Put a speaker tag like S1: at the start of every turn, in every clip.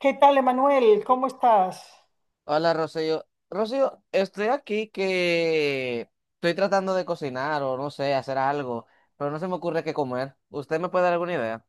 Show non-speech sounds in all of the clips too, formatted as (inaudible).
S1: ¿Qué tal, Emanuel? ¿Cómo estás?
S2: Hola, Rocío. Rocío, estoy aquí que estoy tratando de cocinar o no sé, hacer algo, pero no se me ocurre qué comer. ¿Usted me puede dar alguna idea?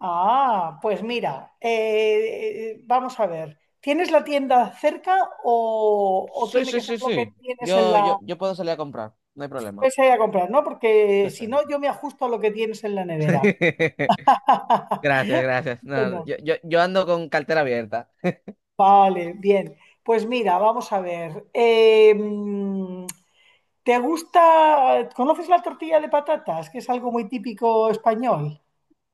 S1: Ah, pues mira, vamos a ver. ¿Tienes la tienda cerca o
S2: Sí,
S1: tiene
S2: sí,
S1: que ser
S2: sí,
S1: lo
S2: sí.
S1: que tienes en
S2: Yo, yo,
S1: la...
S2: yo puedo salir a comprar, no hay problema.
S1: Pues a ir a comprar, ¿no? Porque
S2: Sí, sí.
S1: si no, yo me ajusto a lo que tienes en la nevera.
S2: (laughs)
S1: (laughs)
S2: Gracias, gracias. No,
S1: Bueno,
S2: yo ando con cartera abierta.
S1: vale, bien. Pues mira, vamos a ver. ¿Te gusta, conoces la tortilla de patatas, que es algo muy típico español?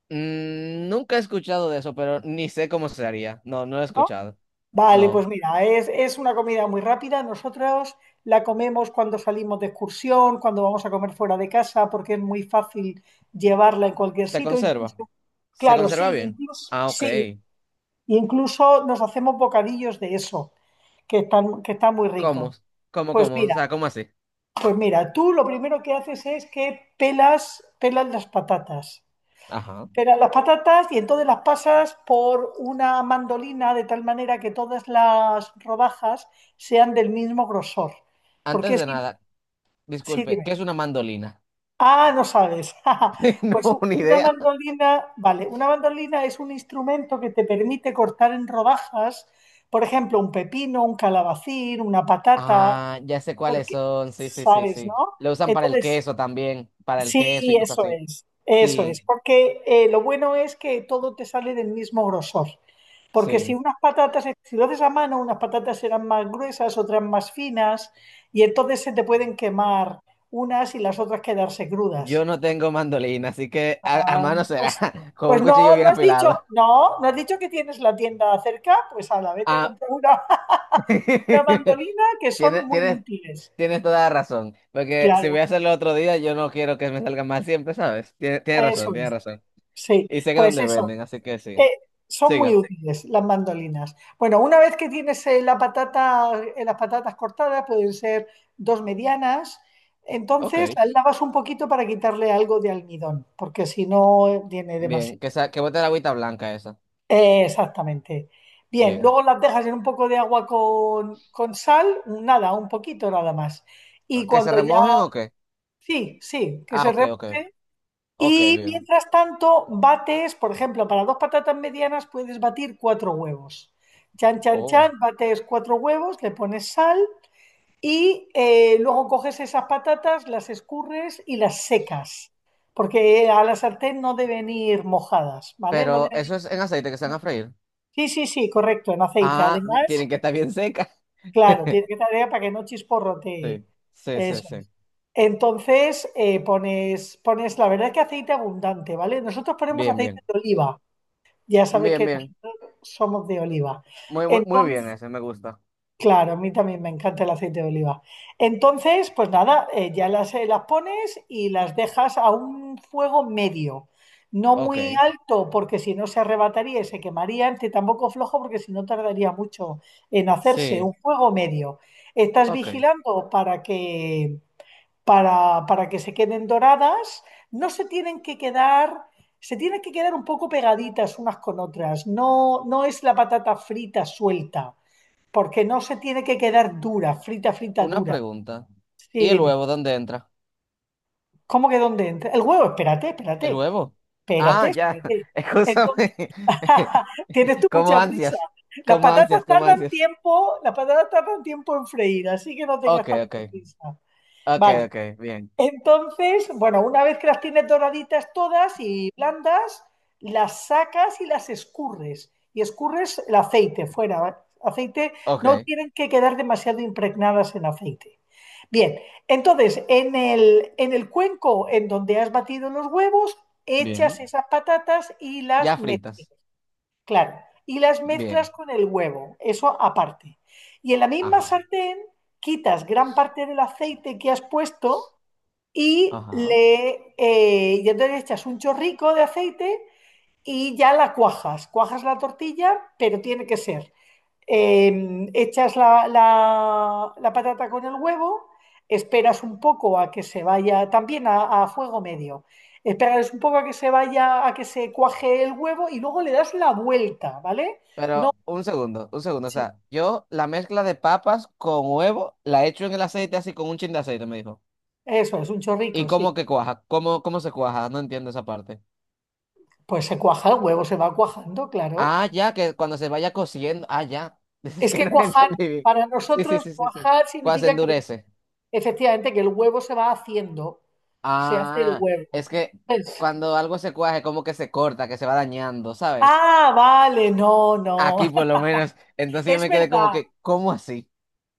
S2: Mm, nunca he escuchado de eso, pero ni sé cómo se haría. No, no lo he
S1: ¿No?
S2: escuchado.
S1: Vale,
S2: No.
S1: pues mira, es una comida muy rápida. Nosotros la comemos cuando salimos de excursión, cuando vamos a comer fuera de casa, porque es muy fácil llevarla en cualquier
S2: ¿Se
S1: sitio.
S2: conserva?
S1: Incluso,
S2: ¿Se
S1: claro,
S2: conserva bien? Ah, ok.
S1: sí, incluso nos hacemos bocadillos de eso, que están muy
S2: ¿Cómo?
S1: ricos.
S2: ¿Cómo,
S1: Pues
S2: cómo? O
S1: mira,
S2: sea, ¿cómo así?
S1: pues mira, tú lo primero que haces es que pelas las patatas.
S2: Ajá.
S1: Pero las patatas, y entonces las pasas por una mandolina de tal manera que todas las rodajas sean del mismo grosor.
S2: Antes
S1: Porque
S2: de
S1: sí,
S2: nada,
S1: sí,
S2: disculpe,
S1: dime.
S2: ¿qué es una mandolina?
S1: Ah, no sabes. (laughs)
S2: (laughs)
S1: Pues
S2: No, ni
S1: una
S2: idea.
S1: mandolina, vale, una mandolina es un instrumento que te permite cortar en rodajas, por ejemplo, un pepino, un calabacín, una patata,
S2: Ah, ya sé cuáles
S1: porque
S2: son. Sí, sí, sí,
S1: sabes, ¿no?
S2: sí. Lo usan para el
S1: Entonces,
S2: queso también, para el queso
S1: sí,
S2: y cosas así.
S1: eso
S2: Sí,
S1: es, porque lo bueno es que todo te sale del mismo grosor. Porque si
S2: sí.
S1: unas patatas, si lo haces a mano, unas patatas serán más gruesas, otras más finas, y entonces se te pueden quemar unas y las otras quedarse crudas.
S2: Yo no tengo mandolina, así que a mano será,
S1: Pues,
S2: (laughs) con un
S1: pues no,
S2: cuchillo
S1: no
S2: bien
S1: has dicho,
S2: afilado.
S1: no, no has dicho que tienes la tienda cerca, pues a la vete a
S2: Ah,
S1: comprar una,
S2: (laughs)
S1: (laughs) una mandolina, que son
S2: tienes,
S1: muy
S2: tienes,
S1: útiles.
S2: tienes toda la razón, porque si voy
S1: Claro,
S2: a hacerlo otro día, yo no quiero que me salga mal siempre, ¿sabes? Tienes, tienes
S1: eso
S2: razón, tienes
S1: es.
S2: razón.
S1: Sí,
S2: Y sé que
S1: pues
S2: dónde
S1: eso.
S2: venden, así que sí.
S1: Eh, son muy
S2: Siga.
S1: útiles las mandolinas. Bueno, una vez que tienes la patata, las patatas cortadas, pueden ser dos medianas, entonces
S2: Ok.
S1: las lavas un poquito para quitarle algo de almidón, porque si no tiene
S2: Bien,
S1: demasiado.
S2: que bote la agüita blanca esa.
S1: Exactamente. Bien,
S2: Bien.
S1: luego las dejas en un poco de agua con sal, nada, un poquito nada más. Y
S2: ¿Que se
S1: cuando ya,
S2: remojen o qué?
S1: sí, sí, que
S2: Ah,
S1: se
S2: ok,
S1: remoje,
S2: ok. Ok,
S1: y
S2: bien.
S1: mientras tanto, bates, por ejemplo, para dos patatas medianas puedes batir cuatro huevos. Chan, chan,
S2: Oh.
S1: chan, bates cuatro huevos, le pones sal y luego coges esas patatas, las escurres y las secas, porque a la sartén no deben ir mojadas, ¿vale? No
S2: Pero
S1: deben ir-
S2: eso es en aceite que se van a freír.
S1: Sí, sí, sí, correcto, en aceite.
S2: Ah,
S1: Además,
S2: tienen que estar bien secas.
S1: claro, tiene que
S2: (laughs)
S1: estar para que no chisporrote.
S2: Sí, sí, sí,
S1: Eso
S2: sí.
S1: es. Entonces, pones, la verdad es que aceite abundante, ¿vale? Nosotros ponemos
S2: Bien,
S1: aceite
S2: bien.
S1: de oliva. Ya sabes
S2: Bien,
S1: que
S2: bien.
S1: nosotros somos de oliva.
S2: Muy, muy, muy
S1: Entonces,
S2: bien ese, me gusta.
S1: claro, a mí también me encanta el aceite de oliva. Entonces, pues nada, ya las pones y las dejas a un fuego medio. No muy
S2: Ok,
S1: alto, porque si no se arrebataría y se quemaría, ni tampoco flojo, porque si no tardaría mucho en hacerse.
S2: sí,
S1: Un fuego medio. Estás
S2: ok.
S1: vigilando para que para que se queden doradas. No se tienen que quedar, se tienen que quedar un poco pegaditas unas con otras. No, no es la patata frita suelta, porque no se tiene que quedar dura, frita, frita,
S2: Una
S1: dura.
S2: pregunta.
S1: Sí,
S2: ¿Y el
S1: dime.
S2: huevo dónde entra?
S1: ¿Cómo que dónde entra? El huevo, espérate,
S2: ¿El
S1: espérate,
S2: huevo? Ah,
S1: espérate,
S2: ya.
S1: espérate.
S2: (laughs)
S1: Entonces,
S2: Excúsame.
S1: (laughs) tienes tú
S2: (laughs) Como
S1: mucha prisa.
S2: ansias.
S1: Las
S2: Como
S1: patatas
S2: ansias, como
S1: tardan
S2: ansias.
S1: tiempo, las patatas tardan tiempo en freír, así que no tengas
S2: Ok,
S1: tanta
S2: ok.
S1: prisa.
S2: Ok,
S1: Vale.
S2: ok, bien.
S1: Entonces, bueno, una vez que las tienes doraditas todas y blandas, las sacas y las escurres. Y escurres el aceite fuera, ¿vale? aceite,
S2: Ok,
S1: no tienen que quedar demasiado impregnadas en aceite. Bien, entonces en el cuenco en donde has batido los huevos, echas
S2: bien.
S1: esas patatas y
S2: Ya
S1: las mezclas.
S2: fritas.
S1: Y las mezclas
S2: Bien.
S1: con el huevo, eso aparte. Y en la misma
S2: Ajá,
S1: sartén quitas gran parte del aceite que has puesto
S2: ajá.
S1: y entonces le echas un chorrico de aceite y ya la cuajas. Cuajas la tortilla, pero tiene que ser. Echas la, la patata con el huevo, esperas un poco a que se vaya, también a fuego medio. Esperas un poco a que se vaya, a que se cuaje el huevo y luego le das la vuelta, ¿vale?
S2: Pero
S1: No,
S2: un segundo, un segundo. O
S1: sí.
S2: sea, yo la mezcla de papas con huevo la echo en el aceite así con un chin de aceite, me dijo.
S1: Eso es un
S2: ¿Y
S1: chorrico, sí.
S2: cómo que cuaja? ¿Cómo, cómo se cuaja? No entiendo esa parte.
S1: Pues se cuaja el huevo, se va cuajando, claro.
S2: Ah, ya, que cuando se vaya cociendo. Ah, ya. (laughs) Es
S1: Es
S2: que
S1: que
S2: no (laughs)
S1: cuajar,
S2: entendí bien.
S1: para
S2: Sí, sí,
S1: nosotros,
S2: sí, sí, sí.
S1: cuajar
S2: Cuando se
S1: significa que
S2: endurece.
S1: efectivamente que el huevo se va haciendo, se hace el
S2: Ah,
S1: huevo.
S2: es que
S1: Eso.
S2: cuando algo se cuaje, como que se corta, que se va dañando, ¿sabes?
S1: Ah, vale, no,
S2: Aquí
S1: no.
S2: por lo
S1: (laughs)
S2: menos. Entonces yo
S1: Es
S2: me quedé como
S1: verdad,
S2: que, ¿cómo así?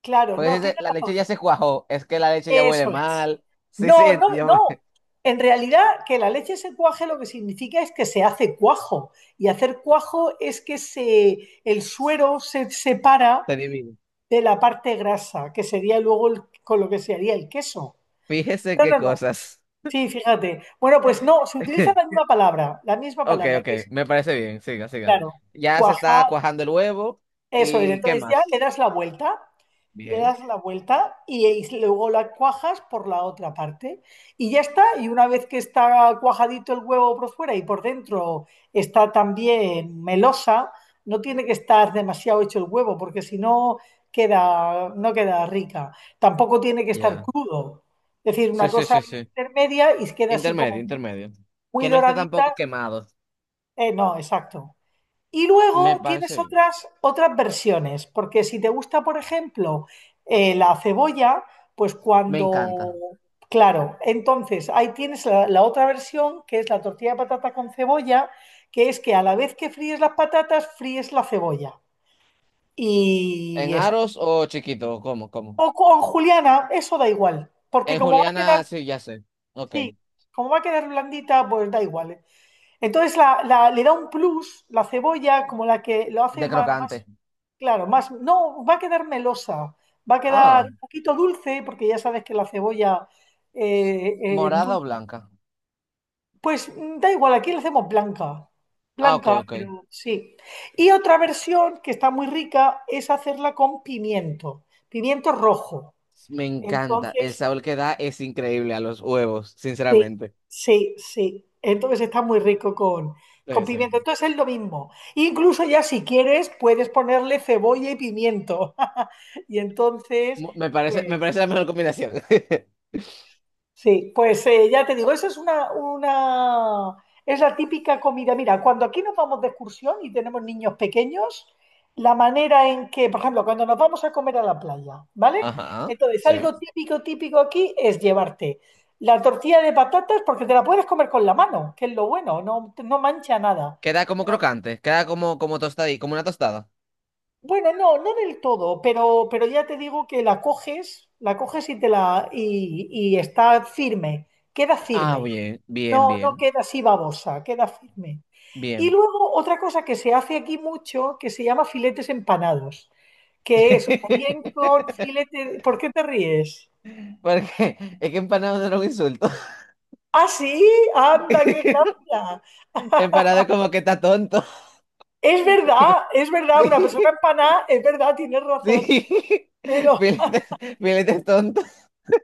S1: claro,
S2: Porque
S1: no,
S2: si se-
S1: tienes
S2: la leche
S1: razón.
S2: ya se cuajó, es que la leche ya huele
S1: Eso es.
S2: mal. Sí,
S1: No,
S2: sí,
S1: no,
S2: yo me...
S1: no.
S2: (laughs)
S1: En realidad, que la leche se cuaje lo que significa es que se hace cuajo. Y hacer cuajo es que el suero se separa
S2: Te adivino.
S1: de la parte grasa, que sería luego el- con lo que se haría el queso.
S2: Fíjese
S1: No,
S2: qué
S1: no, no.
S2: cosas.
S1: Sí, fíjate. Bueno, pues no, se utiliza
S2: (laughs)
S1: la misma
S2: Ok,
S1: palabra,
S2: ok,
S1: que es,
S2: me parece bien, siga, siga.
S1: claro,
S2: Ya se
S1: cuajar,
S2: está cuajando el huevo
S1: eso es.
S2: y ¿qué
S1: Entonces ya
S2: más?
S1: le das la vuelta, le
S2: Bien,
S1: das la vuelta y, y luego la cuajas por la otra parte. Y ya está, y una vez que está cuajadito el huevo por fuera y por dentro, está también melosa, no tiene que estar demasiado hecho el huevo, porque si no queda, no queda rica. Tampoco tiene que estar
S2: ya.
S1: crudo. Es decir, una
S2: Sí, sí,
S1: cosa
S2: sí, sí.
S1: intermedia, y queda así como
S2: Intermedio,
S1: muy,
S2: intermedio.
S1: muy
S2: Que no esté tampoco
S1: doradita.
S2: quemado.
S1: No, exacto. Y
S2: Me
S1: luego tienes
S2: parece bien.
S1: otras versiones, porque si te gusta, por ejemplo, la cebolla, pues
S2: Me encanta.
S1: cuando... Claro, entonces ahí tienes la otra versión, que es la tortilla de patata con cebolla, que es que a la vez que fríes las patatas, fríes la cebolla. Y
S2: ¿En
S1: eso.
S2: aros o chiquito? ¿Cómo, cómo?
S1: O con juliana, eso da igual, porque
S2: En
S1: como va a quedar,
S2: juliana, sí, ya sé. Ok.
S1: sí, como va a quedar blandita, pues da igual. ¿Eh? Entonces la, le da un plus la cebolla, como la que lo hace
S2: De
S1: más.
S2: crocante.
S1: Claro, más, no, va a quedar melosa, va a quedar
S2: Ah,
S1: un poquito dulce, porque ya sabes que la cebolla
S2: morada o
S1: endulza.
S2: blanca.
S1: Pues da igual, aquí la hacemos blanca,
S2: Ah, ok,
S1: blanca,
S2: ok.
S1: pero sí. Y otra versión que está muy rica es hacerla con pimiento, pimiento rojo.
S2: Me encanta. El
S1: Entonces,
S2: sabor que da es increíble a los huevos,
S1: sí,
S2: sinceramente.
S1: sí, sí. Entonces está muy rico con,
S2: Sí,
S1: con
S2: sí.
S1: pimiento. Entonces es lo mismo. Incluso ya, si quieres, puedes ponerle cebolla y pimiento. (laughs) Y entonces...
S2: Mu- me
S1: Pues,
S2: parece la mejor combinación. (laughs)
S1: sí, pues ya te digo, esa es es la típica comida. Mira, cuando aquí nos vamos de excursión y tenemos niños pequeños, la manera en que, por ejemplo, cuando nos vamos a comer a la playa, ¿vale?
S2: Ajá,
S1: Entonces,
S2: sí.
S1: algo típico, típico aquí es llevarte la tortilla de patatas porque te la puedes comer con la mano, que es lo bueno, no, no mancha nada.
S2: Queda como crocante, queda como, como tostadí, como una tostada.
S1: Bueno, no, no del todo, pero, ya te digo que la coges y te y está firme, queda
S2: Ah,
S1: firme.
S2: bien, bien,
S1: No, no
S2: bien,
S1: queda así babosa, queda firme. Y
S2: bien.
S1: luego otra cosa que se hace aquí mucho, que se llama filetes empanados, que es o bien con
S2: (laughs)
S1: filete... ¿Por qué te ríes?
S2: Porque es que empanado no era un insulto.
S1: Ah, sí, anda, qué
S2: (laughs)
S1: gracia.
S2: Empanado es como que está tonto. (laughs)
S1: Es verdad, una persona
S2: Sí,
S1: empanada, es verdad, tienes razón,
S2: sí. (laughs)
S1: pero
S2: Filete, filete es tonto.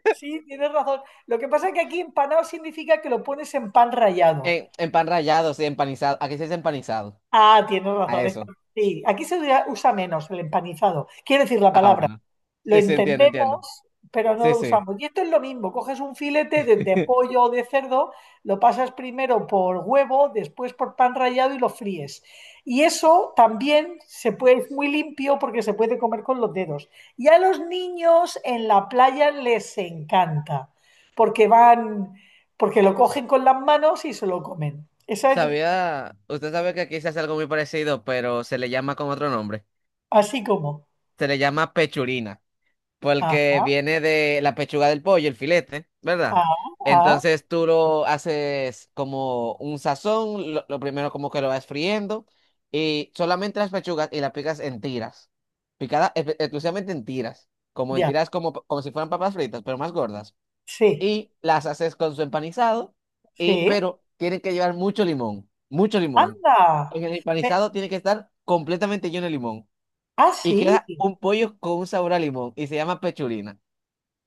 S1: sí, tienes razón. Lo que pasa es que aquí empanado significa que lo pones en pan rallado.
S2: En pan rallado, sí, empanizado. Aquí se dice empanizado.
S1: Ah, tienes
S2: A
S1: razón,
S2: eso.
S1: sí, aquí se usa menos el empanizado, quiere decir la
S2: Ah,
S1: palabra.
S2: bueno.
S1: Lo
S2: Sí, sí, entiendo, entiendo.
S1: entendemos, pero no
S2: Sí,
S1: lo
S2: sí.
S1: usamos. Y esto es lo mismo, coges un filete de
S2: (laughs)
S1: pollo o de cerdo, lo pasas primero por huevo, después por pan rallado y lo fríes. Y eso también se puede, es muy limpio porque se puede comer con los dedos. Y a los niños en la playa les encanta, porque van, porque lo cogen con las manos y se lo comen. Esa es
S2: Sabía, usted sabe que aquí se hace algo muy parecido, pero se le llama con otro nombre.
S1: así como.
S2: Se le llama pechurina.
S1: Ah,
S2: Porque viene de la pechuga del pollo, el filete, ¿verdad?
S1: ah, ah,
S2: Entonces tú lo haces como un sazón, lo primero como que lo vas friendo y solamente las pechugas y las picas en tiras, picadas espe- exclusivamente en
S1: ya.
S2: tiras como, como si fueran papas fritas, pero más gordas.
S1: Sí,
S2: Y las haces con su empanizado, y,
S1: sí.
S2: pero tienen que llevar mucho limón, mucho limón.
S1: Anda.
S2: En el empanizado tiene que estar completamente lleno de limón
S1: Ah,
S2: y
S1: sí,
S2: queda un pollo con un sabor a limón y se llama pechurina.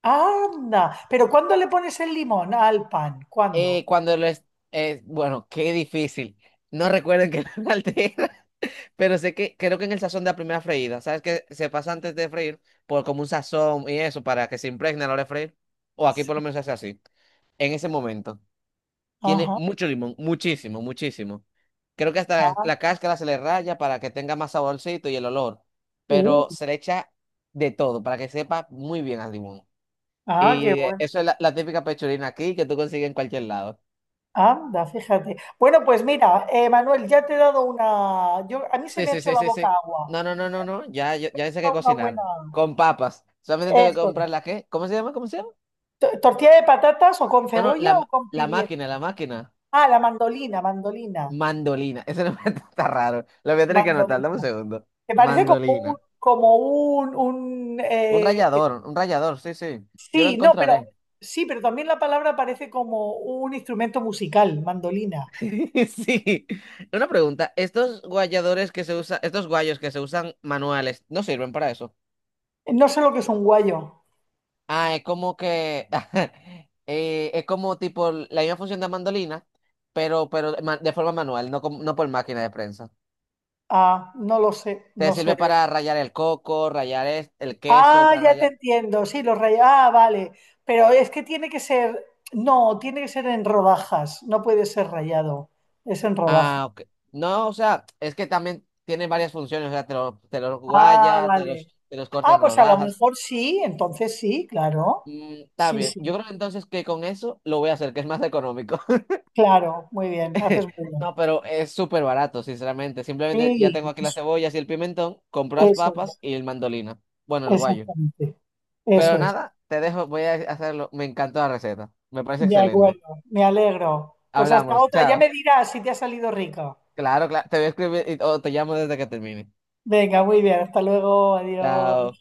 S1: anda. Pero ¿cuándo le pones el limón al pan? ¿Cuándo?
S2: Cuando les... bueno, qué difícil. No recuerden que (laughs) no altera, pero sé que creo que en el sazón de la primera freída, ¿sabes que Se pasa antes de freír por como un sazón y eso para que se impregne a la hora de freír. O aquí por
S1: Sí.
S2: lo menos se hace así. En ese momento. Tiene
S1: Ajá.
S2: mucho limón, muchísimo, muchísimo. Creo que hasta
S1: Ah,
S2: la cáscara se le raya para que tenga más saborcito y el olor.
S1: uh,
S2: Pero se le echa de todo para que sepa muy bien al limón.
S1: ah, qué
S2: Y
S1: bueno.
S2: eso es la, la típica pechurina aquí que tú consigues en cualquier lado.
S1: Anda, fíjate. Bueno, pues mira, Manuel, ya te he dado una. A mí se
S2: Sí,
S1: me ha
S2: sí,
S1: hecho
S2: sí,
S1: la
S2: sí,
S1: boca
S2: sí.
S1: agua.
S2: No, no, no, no, no. Ya, ya, ya sé qué
S1: Una
S2: cocinar.
S1: buena.
S2: Con papas. Solamente tengo que
S1: Eso es.
S2: comprar la qué. ¿Cómo se llama? ¿Cómo se llama?
S1: ¿Tortilla de patatas o con
S2: No, no,
S1: cebolla
S2: la,
S1: o
S2: ma-
S1: con
S2: la máquina,
S1: pimiento?
S2: la máquina.
S1: Ah, la mandolina, mandolina,
S2: Mandolina. Ese nombre (laughs) está raro. Lo voy a tener que anotar. Dame un
S1: mandolina.
S2: segundo.
S1: Me parece como un,
S2: Mandolina.
S1: como un, un, eh,
S2: Un rallador, sí, sí. Yo lo
S1: Sí, no, pero
S2: encontraré.
S1: sí, pero también la palabra parece como un instrumento musical, mandolina.
S2: (laughs) Sí. Una pregunta. Estos guayadores que se usan, estos guayos que se usan manuales, ¿no sirven para eso?
S1: No sé lo que es un guayo.
S2: Ah, es como que (laughs) es como tipo la misma función de mandolina, pero ma- de forma manual, no, como- no por máquina de prensa.
S1: Ah, no lo sé,
S2: Te
S1: no sé.
S2: sirve para rallar el coco, rallar es- el queso,
S1: Ah,
S2: para
S1: ya te
S2: rallar.
S1: entiendo. Sí, los rayos. Ah, vale. Pero es que tiene que ser, no, tiene que ser en rodajas. No puede ser rayado. Es en rodajas.
S2: Ah, ok. No, o sea, es que también tiene varias funciones, o sea, te los
S1: Ah,
S2: guaya,
S1: vale.
S2: te los corta
S1: Ah,
S2: en
S1: pues a lo
S2: rodajas.
S1: mejor sí, entonces sí, claro.
S2: Mm, está
S1: Sí,
S2: bien.
S1: sí,
S2: Yo creo entonces que con eso lo voy a hacer, que es más económico.
S1: claro, muy bien, haces
S2: (laughs)
S1: muy bien.
S2: No, pero es súper barato, sinceramente. Simplemente ya
S1: Sí,
S2: tengo aquí las
S1: eso
S2: cebollas y el pimentón, compro las
S1: es,
S2: papas y el mandolina. Bueno, el guayo.
S1: exactamente. Eso
S2: Pero
S1: es.
S2: nada, te dejo, voy a hacerlo. Me encantó la receta. Me parece
S1: De
S2: excelente.
S1: acuerdo, me alegro. Pues hasta
S2: Hablamos,
S1: otra, ya me
S2: chao.
S1: dirás si te ha salido rico.
S2: Claro, claro. Te voy a escribir y- o te llamo desde que termine.
S1: Venga, muy bien, hasta luego, adiós.
S2: Chao.